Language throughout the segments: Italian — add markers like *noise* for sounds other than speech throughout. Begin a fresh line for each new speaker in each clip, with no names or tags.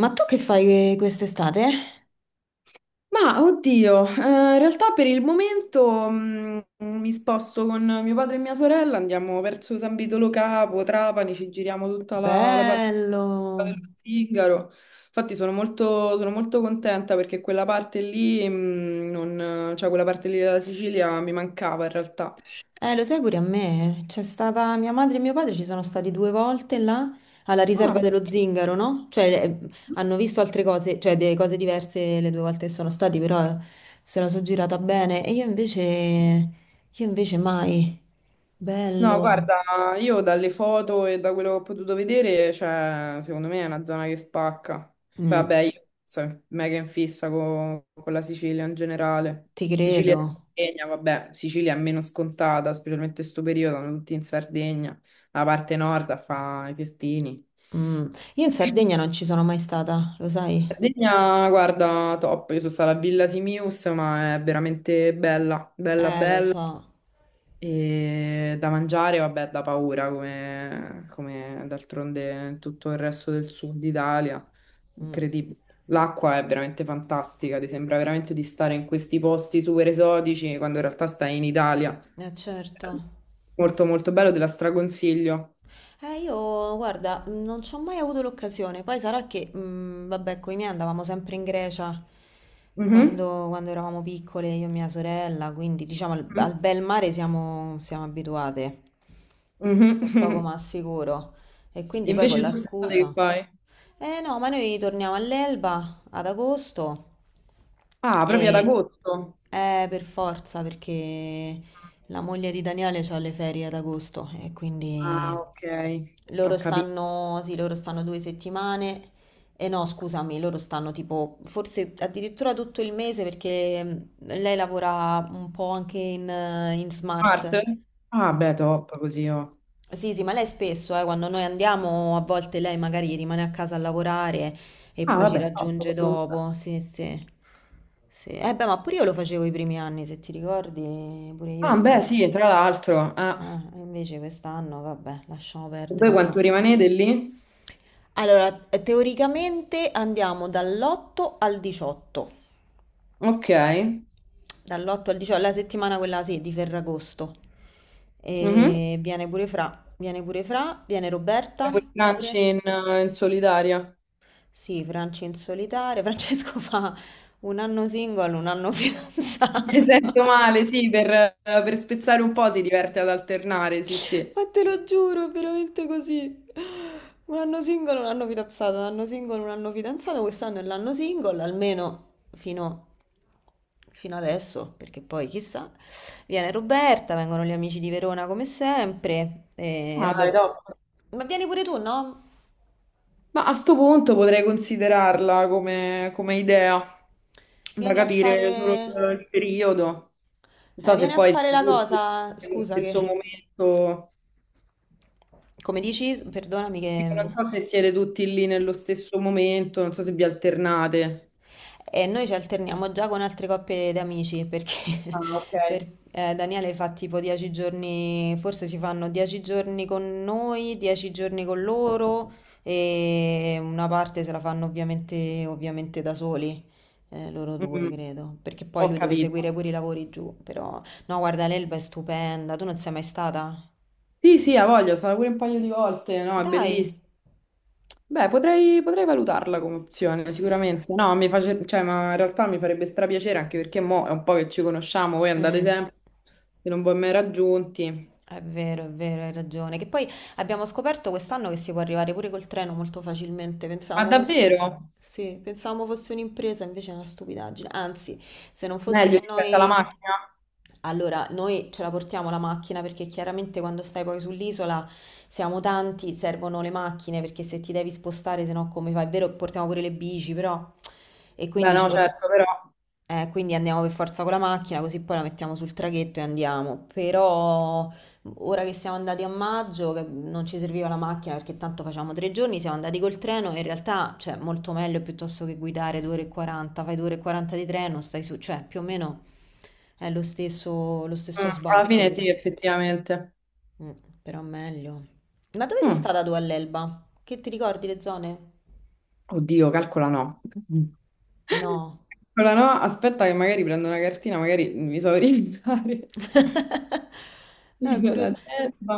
Ma tu che fai quest'estate?
Ma oddio, in realtà per il momento mi sposto con mio padre e mia sorella, andiamo verso San Vitolo Capo, Trapani, ci giriamo tutta la parte
Bello.
dello Zingaro. Infatti sono molto contenta perché quella parte lì, cioè quella parte lì della Sicilia mi mancava in realtà.
Lo sai pure a me. C'è stata mia madre e mio padre, ci sono stati 2 volte là alla riserva
Ah,
dello Zingaro, no? Cioè, hanno visto altre cose, cioè delle cose diverse le 2 volte che sono stati, però se la sono girata bene. E io invece mai.
no,
Bello.
guarda, io dalle foto e da quello che ho potuto vedere, cioè, secondo me è una zona che spacca. Poi,
Mm,
vabbè, io sono mega in fissa con la Sicilia in generale.
ti
Sicilia
credo.
e Sardegna, vabbè, Sicilia è meno scontata, specialmente in questo periodo, sono tutti in Sardegna, la parte nord a fa i festini.
Mm. Io in Sardegna non ci sono mai stata, lo sai?
Sardegna, guarda, top, io sono stata a Villa Simius, ma è veramente bella, bella,
Lo
bella.
so.
E da mangiare, vabbè, da paura, come d'altronde tutto il resto del sud Italia.
Mm.
Incredibile. L'acqua è veramente fantastica, ti sembra veramente di stare in questi posti super esotici quando in realtà stai in Italia.
Certo.
Molto molto bello, te la straconsiglio.
Io guarda, non ci ho mai avuto l'occasione. Poi sarà che, vabbè, con i miei andavamo sempre in Grecia
Mhm.
quando eravamo piccole, io e mia sorella, quindi diciamo al
Mhm. *laughs*
bel mare siamo abituate. Questo è poco
Mhm.
ma sicuro. E quindi poi con
Invece tu
la
quest'estate che
scusa.
fai?
Eh no, ma noi torniamo all'Elba ad agosto
Ah, proprio ad
e
agosto.
per forza perché la moglie di Daniele ha le ferie ad agosto e
Ah,
quindi
ok, ho capito.
sì, loro stanno 2 settimane e no, scusami, loro stanno tipo forse addirittura tutto il mese perché lei lavora un po' anche in smart.
Marte? Ah, beh, top così. Oh.
Sì, sì, ma lei spesso, quando noi andiamo, a volte lei magari rimane a casa a lavorare e
Ah,
poi ci
vabbè,
raggiunge
top.
dopo. Sì, sì. Sì. Eh beh, ma pure io lo facevo i primi anni, se ti ricordi, pure io
Ah, beh,
stavo.
sì, tra l'altro, ah.
Invece quest'anno, vabbè, lasciamo
E voi
perdere però.
quanto rimanete lì?
Allora, teoricamente andiamo dall'8 al 18.
Ok.
Dall'8 al 18, la settimana quella sì, di Ferragosto.
Mhm.
E viene pure Fra, viene Roberta
Fai quel crunch
pure.
in, in solitaria.
Sì, Franci in solitaria. *laughs* Francesco fa un anno single, un anno
*laughs* Mi
fidanzato.
sento male,
*laughs*
sì, per spezzare un po' si diverte ad alternare, sì, sì.
Ma te lo giuro, è veramente così. Un anno single, un anno fidanzato, un anno single, un anno fidanzato. Quest'anno è l'anno single, almeno fino, fino adesso, perché poi chissà. Viene Roberta, vengono gli amici di Verona come sempre. E
Ah, dai,
vabbè.
top.
Ma vieni pure tu, no?
Ma a sto punto potrei considerarla come, come idea, da
Vieni a
capire solo il
fare...
il periodo. Non
Eh,
so
vieni
se
a
poi
fare
siete
la
tutti
cosa.
nello
Scusa
stesso
che...
momento.
Come dici, perdonami
Dico,
che...
non so se siete tutti lì nello stesso momento, non so se vi alternate.
E noi ci alterniamo già con altre coppie di amici perché
Ah, ok.
*laughs* Daniele fa tipo 10 giorni, forse si fanno 10 giorni con noi, 10 giorni con loro e una parte se la fanno ovviamente da soli, loro due
Mm,
credo, perché poi
ho
lui deve
capito.
seguire pure i lavori giù, però. No, guarda, l'Elba è stupenda, tu non sei mai stata?
Sì, sì, ha voglia, sarà pure un paio di volte, no, è
Dai!
bellissimo. Beh, potrei, potrei valutarla come opzione, sicuramente. No, mi face- cioè, ma in realtà mi farebbe strapiacere anche perché mo è un po' che ci conosciamo, voi andate
Mm.
sempre e non vi ho mai raggiunti.
È vero, hai ragione. Che poi abbiamo scoperto quest'anno che si può arrivare pure col treno molto facilmente.
Ma
Pensavamo fosse,
davvero?
sì, pensavamo fosse un'impresa, invece è una stupidaggine. Anzi, se non fosse
Meglio
che
rispetto alla
noi...
macchina?
Allora, noi ce la portiamo la macchina perché chiaramente quando stai poi sull'isola siamo tanti, servono le macchine perché se ti devi spostare, se no come fai? È vero, portiamo pure le bici, però... E
Beh,
quindi ci
no,
portiamo...
certo, però
Quindi andiamo per forza con la macchina, così poi la mettiamo sul traghetto e andiamo. Però. Ora che siamo andati a maggio, che non ci serviva la macchina perché tanto facciamo 3 giorni, siamo andati col treno. In realtà, cioè, molto meglio piuttosto che guidare 2 ore e 40, fai 2 ore e 40 di treno, stai su, cioè, più o meno è lo stesso
alla
sbatti,
fine
però.
sì, effettivamente.
Mm, però meglio. Ma dove sei
Mm.
stata tu all'Elba? Che ti ricordi le zone?
Oddio, calcola no. *laughs*
No.
Calcola no, aspetta che magari prendo una cartina, magari mi so *laughs* orientare.
*laughs* No, è
Isola
curioso.
d'Elba.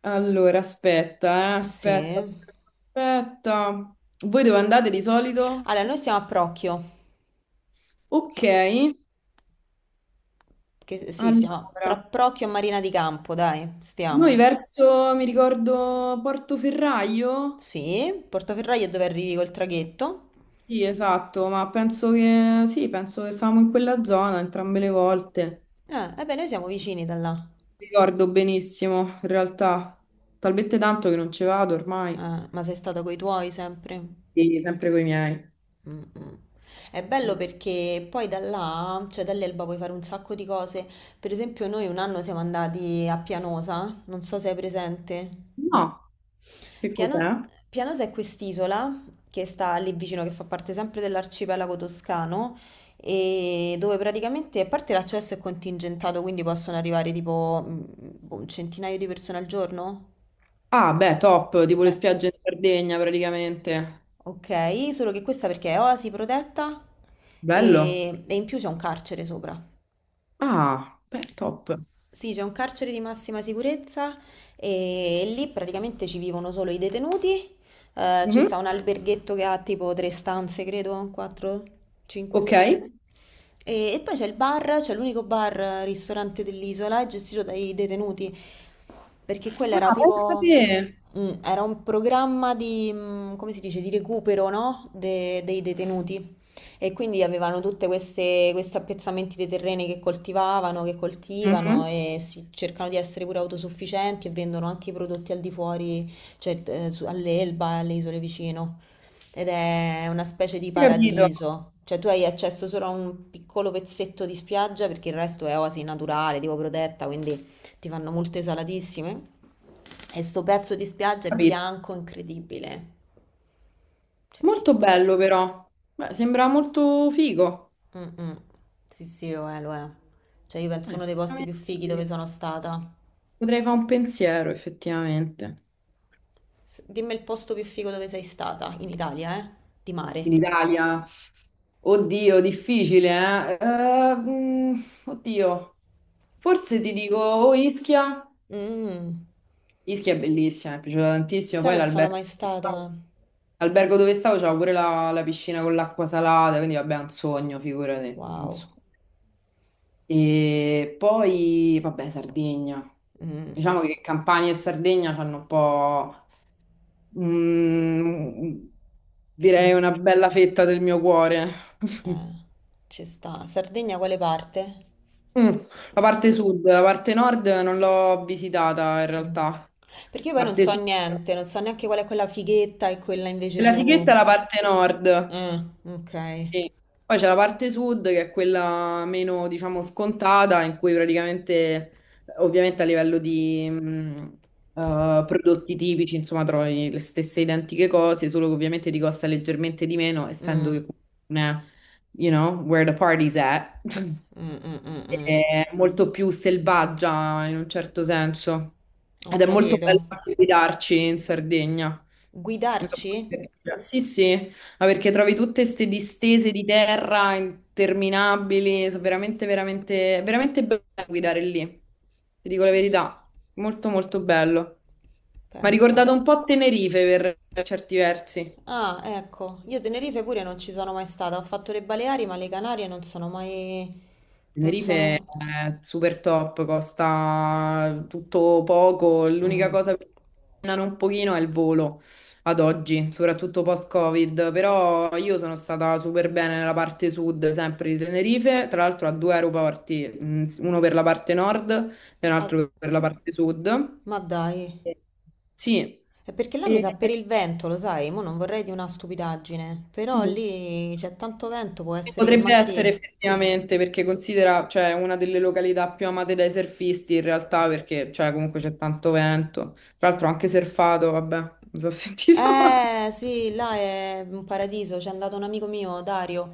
Allora, aspetta,
Sì.
aspetta. Voi dove andate di solito?
Allora, noi stiamo a Procchio.
Ok,
Che, sì, stiamo tra
allora,
Procchio e Marina di Campo, dai,
noi
stiamo.
verso, mi ricordo, Portoferraio?
Sì, Portoferraio è dove arrivi col traghetto?
Sì, esatto, ma penso che, sì, penso che stavamo in quella zona entrambe le volte.
Eh beh, noi siamo vicini da là.
Ricordo benissimo, in realtà, talmente tanto che non ci vado ormai.
Ma sei stata coi tuoi sempre?
Sì, sempre con i miei.
Mm, mm. È bello perché poi da là, cioè dall'Elba puoi fare un sacco di cose. Per esempio noi un anno siamo andati a Pianosa, non so se hai presente.
No, che
Pianos,
cos'è?
Pianos è quest'isola che sta lì vicino, che fa parte sempre dell'arcipelago toscano, e dove praticamente, a parte l'accesso è contingentato, quindi possono arrivare tipo boh, un centinaio di persone al giorno?
Ah, beh, top, tipo le
Eh.
spiagge in Sardegna praticamente.
Ok, solo che questa perché è oasi protetta
Bello.
e in più c'è un carcere sopra.
Ah, beh, top.
Sì, c'è un carcere di massima sicurezza e lì praticamente ci vivono solo i detenuti. Ci
Mhm.
sta un alberghetto che ha tipo tre stanze, credo, quattro, cinque
Ok. Ah,
stanze. E poi c'è il bar, c'è l'unico bar ristorante dell'isola, è gestito dai detenuti, perché quello era
pensa
tipo,
te.
era un programma di, come si dice, di recupero, no? Dei detenuti. E quindi avevano tutte questi appezzamenti dei terreni che coltivano
Mhm.
e cercano di essere pure autosufficienti e vendono anche i prodotti al di fuori, cioè all'Elba e alle isole vicino. Ed è una specie di
Capito,
paradiso. Cioè tu hai accesso solo a un piccolo pezzetto di spiaggia perché il resto è oasi naturale, tipo protetta, quindi ti fanno multe salatissime. E sto pezzo di spiaggia è
capito.
bianco incredibile. Cioè
Molto
tipo.
bello però. Beh, sembra molto figo.
Mm, mm. Sì, sì, lo è, lo è. Cioè, io penso uno dei posti
Effettivamente,
più fighi dove
sì.
sono stata.
Potrei fare un pensiero, effettivamente.
Dimmi il posto più figo dove sei stata, in Italia, eh? Di
In
mare.
Italia. Oddio, difficile, eh? Oddio. Forse ti dico o Ischia.
Mm.
Ischia è bellissima, mi è piaciuta tantissimo.
Sai,
Poi
non sono mai stata.
l'albergo dove stavo c'era pure la piscina con l'acqua salata, quindi vabbè, è un sogno, figurati. Un
Wow.
sogno. E poi, vabbè, Sardegna.
Mm,
Diciamo che Campania e Sardegna hanno un po', mm, direi, una bella fetta del mio cuore. *laughs*
eh, ci sta. Sardegna, quale parte?
Mm, la parte sud, la parte nord non l'ho visitata in
Mm.
realtà.
Perché io poi
La
non
parte
so
sud.
niente, non so neanche qual è quella fighetta e quella invece
La
più...
fighetta è la parte nord.
Mm, ok.
Sì. Poi c'è la parte sud che è quella meno, diciamo, scontata, in cui praticamente, ovviamente a livello di prodotti tipici, insomma, trovi le stesse identiche cose, solo che ovviamente ti costa leggermente di meno, essendo
Mm,
che, non è, you know, where the party's at, *laughs*
mm, mm, mm, mm.
è molto più selvaggia in un certo senso.
Ho
Ed è molto bello
capito.
anche guidarci in Sardegna. Non so
Guidarci?
come dire. Sì, sì. Ma perché trovi tutte queste distese di terra interminabili, sono veramente, veramente, veramente bello guidare lì. Ti dico la
Eh,
verità, molto molto bello. Mi ha
Pensa.
ricordato un po' Tenerife per certi versi.
Ah, ecco, io Tenerife pure non ci sono mai stata, ho fatto le Baleari, ma le Canarie non sono mai... non
Tenerife
sono...
è super top, costa tutto poco, l'unica
Mm.
cosa che costano un pochino è il volo ad oggi, soprattutto post-Covid, però io sono stata super bene nella parte sud sempre di Tenerife, tra l'altro a due aeroporti, uno per la parte nord e un
Ah,
altro per la parte sud.
ma dai,
Sì,
è perché là mi
e-
sa per il vento, lo sai, mo non vorrei di una stupidaggine, però lì c'è tanto vento, può essere che
potrebbe essere
magari...
effettivamente, perché considera, cioè, una delle località più amate dai surfisti in realtà, perché, cioè, comunque c'è tanto vento. Tra l'altro ho anche surfato, vabbè, mi sono *laughs* sentita male.
Eh sì, là è un paradiso, c'è andato un amico mio, Dario.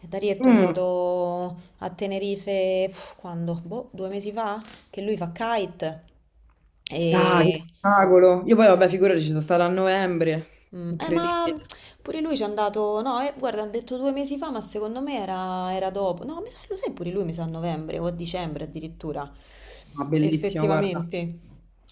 E Darietto è
Mm.
andato a Tenerife, quando? Boh, 2 mesi fa? Che lui fa kite.
Ah, che
E...
spettacolo! Io poi, vabbè, figurati, ci sono stata a novembre,
Eh, ma
incredibile.
pure lui ci è andato, no, guarda, hanno detto 2 mesi fa, ma secondo me era, dopo. No, mi sa, lo sai pure lui, mi sa a novembre o a dicembre addirittura.
Ma bellissimo, guarda.
Effettivamente.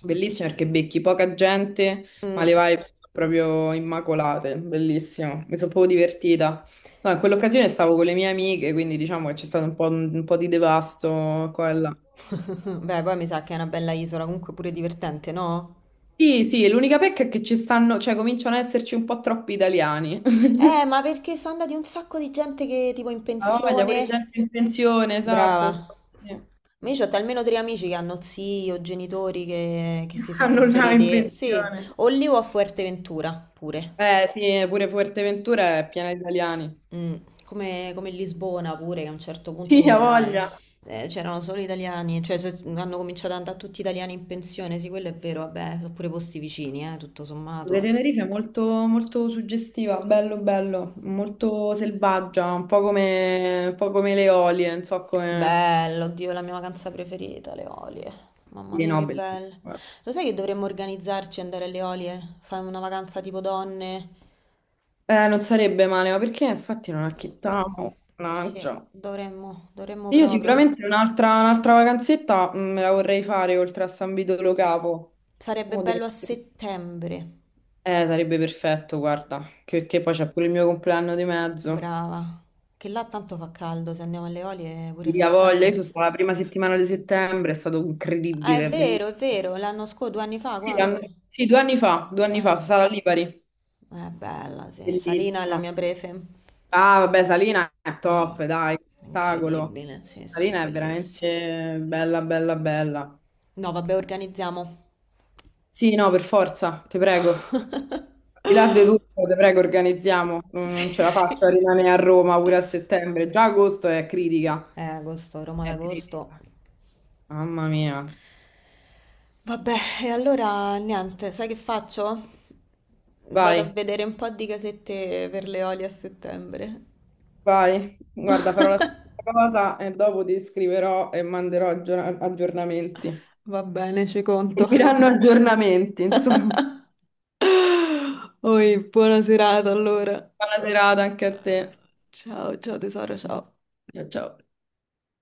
Bellissimo perché becchi poca gente, ma le
Mm.
vibes sono proprio immacolate, bellissimo, mi sono proprio divertita. No, in quell'occasione stavo con le mie amiche, quindi diciamo che c'è stato un po' di devasto qua e là.
*laughs* Beh, poi mi sa che è una bella isola, comunque pure divertente, no?
Sì, sì, l'unica pecca è che ci stanno, cioè cominciano ad esserci un po' troppi italiani. *laughs*
Ma perché sono andati un sacco di gente che tipo in
Ah, voglia, pure
pensione?
gente in pensione, esatto.
Brava.
Sta- sì.
Ma io ho almeno tre amici che hanno zii o genitori che si
*laughs*
sono
Hanno là in
trasferiti, sì,
pensione.
o lì o a Fuerteventura pure.
Eh sì, pure Fuerteventura è piena di italiani.
Mm. Come Lisbona pure, che a un certo
Sì,
punto
ha
era,
voglia.
c'erano solo italiani, cioè hanno cominciato ad andare tutti italiani in pensione, sì, quello è vero, vabbè, sono pure posti vicini, tutto
La
sommato.
Tenerife è molto, molto suggestiva, bello bello, molto selvaggia, un po' come le Eolie, non so come...
Bello, oddio, è la mia vacanza preferita, le Olie. Mamma
Sì,
mia,
no,
che belle.
bellissimo.
Lo sai che dovremmo organizzarci e andare alle Olie? Fare una vacanza tipo donne?
Non sarebbe male, ma perché infatti non acchittavo,
Sì,
mannaggia.
dovremmo, dovremmo
Io
proprio.
sicuramente un'altra vacanzetta me la vorrei fare oltre a San Vito Lo Capo.
Sarebbe
Mo
bello
devo-
a settembre.
eh, sarebbe perfetto, guarda, che- perché poi c'è pure il mio compleanno di mezzo.
Brava. Che là tanto fa caldo, se andiamo alle Olie pure a
Via voglia, io
settembre.
sono stata la prima settimana di settembre, è stato
Ah,
incredibile, bellissimo.
è vero, l'anno scorso, 2 anni fa,
Sì, and-
quando?
sì, due anni
Eh,
fa, Sala Lipari,
è bella, sì. Salina è la
bellissima.
mia prefe.
Ah, vabbè, Salina è
Mamma,
top, dai, spettacolo.
incredibile, sì, sì,
Salina è
bellissima.
veramente bella, bella, bella.
No, vabbè, organizziamo.
Sì, no, per forza, ti prego.
*laughs*
Al di là di tutto, ti prego, organizziamo. Non
Sì,
non ce la faccio a
sì.
rimanere a Roma pure a settembre. Già agosto è critica.
Agosto, Roma
È critica.
d'agosto.
Mamma mia.
Vabbè, e allora niente, sai che faccio? Vado a
Vai,
vedere un po' di casette per le oli a settembre.
vai. Guarda, farò la stessa cosa e dopo ti scriverò e manderò aggior- aggiornamenti.
Va bene, ci conto.
Mi daranno aggiornamenti, insomma.
*laughs* Oi, buona serata allora.
Buona serata anche a te.
Ciao, ciao tesoro, ciao.
Ciao ciao.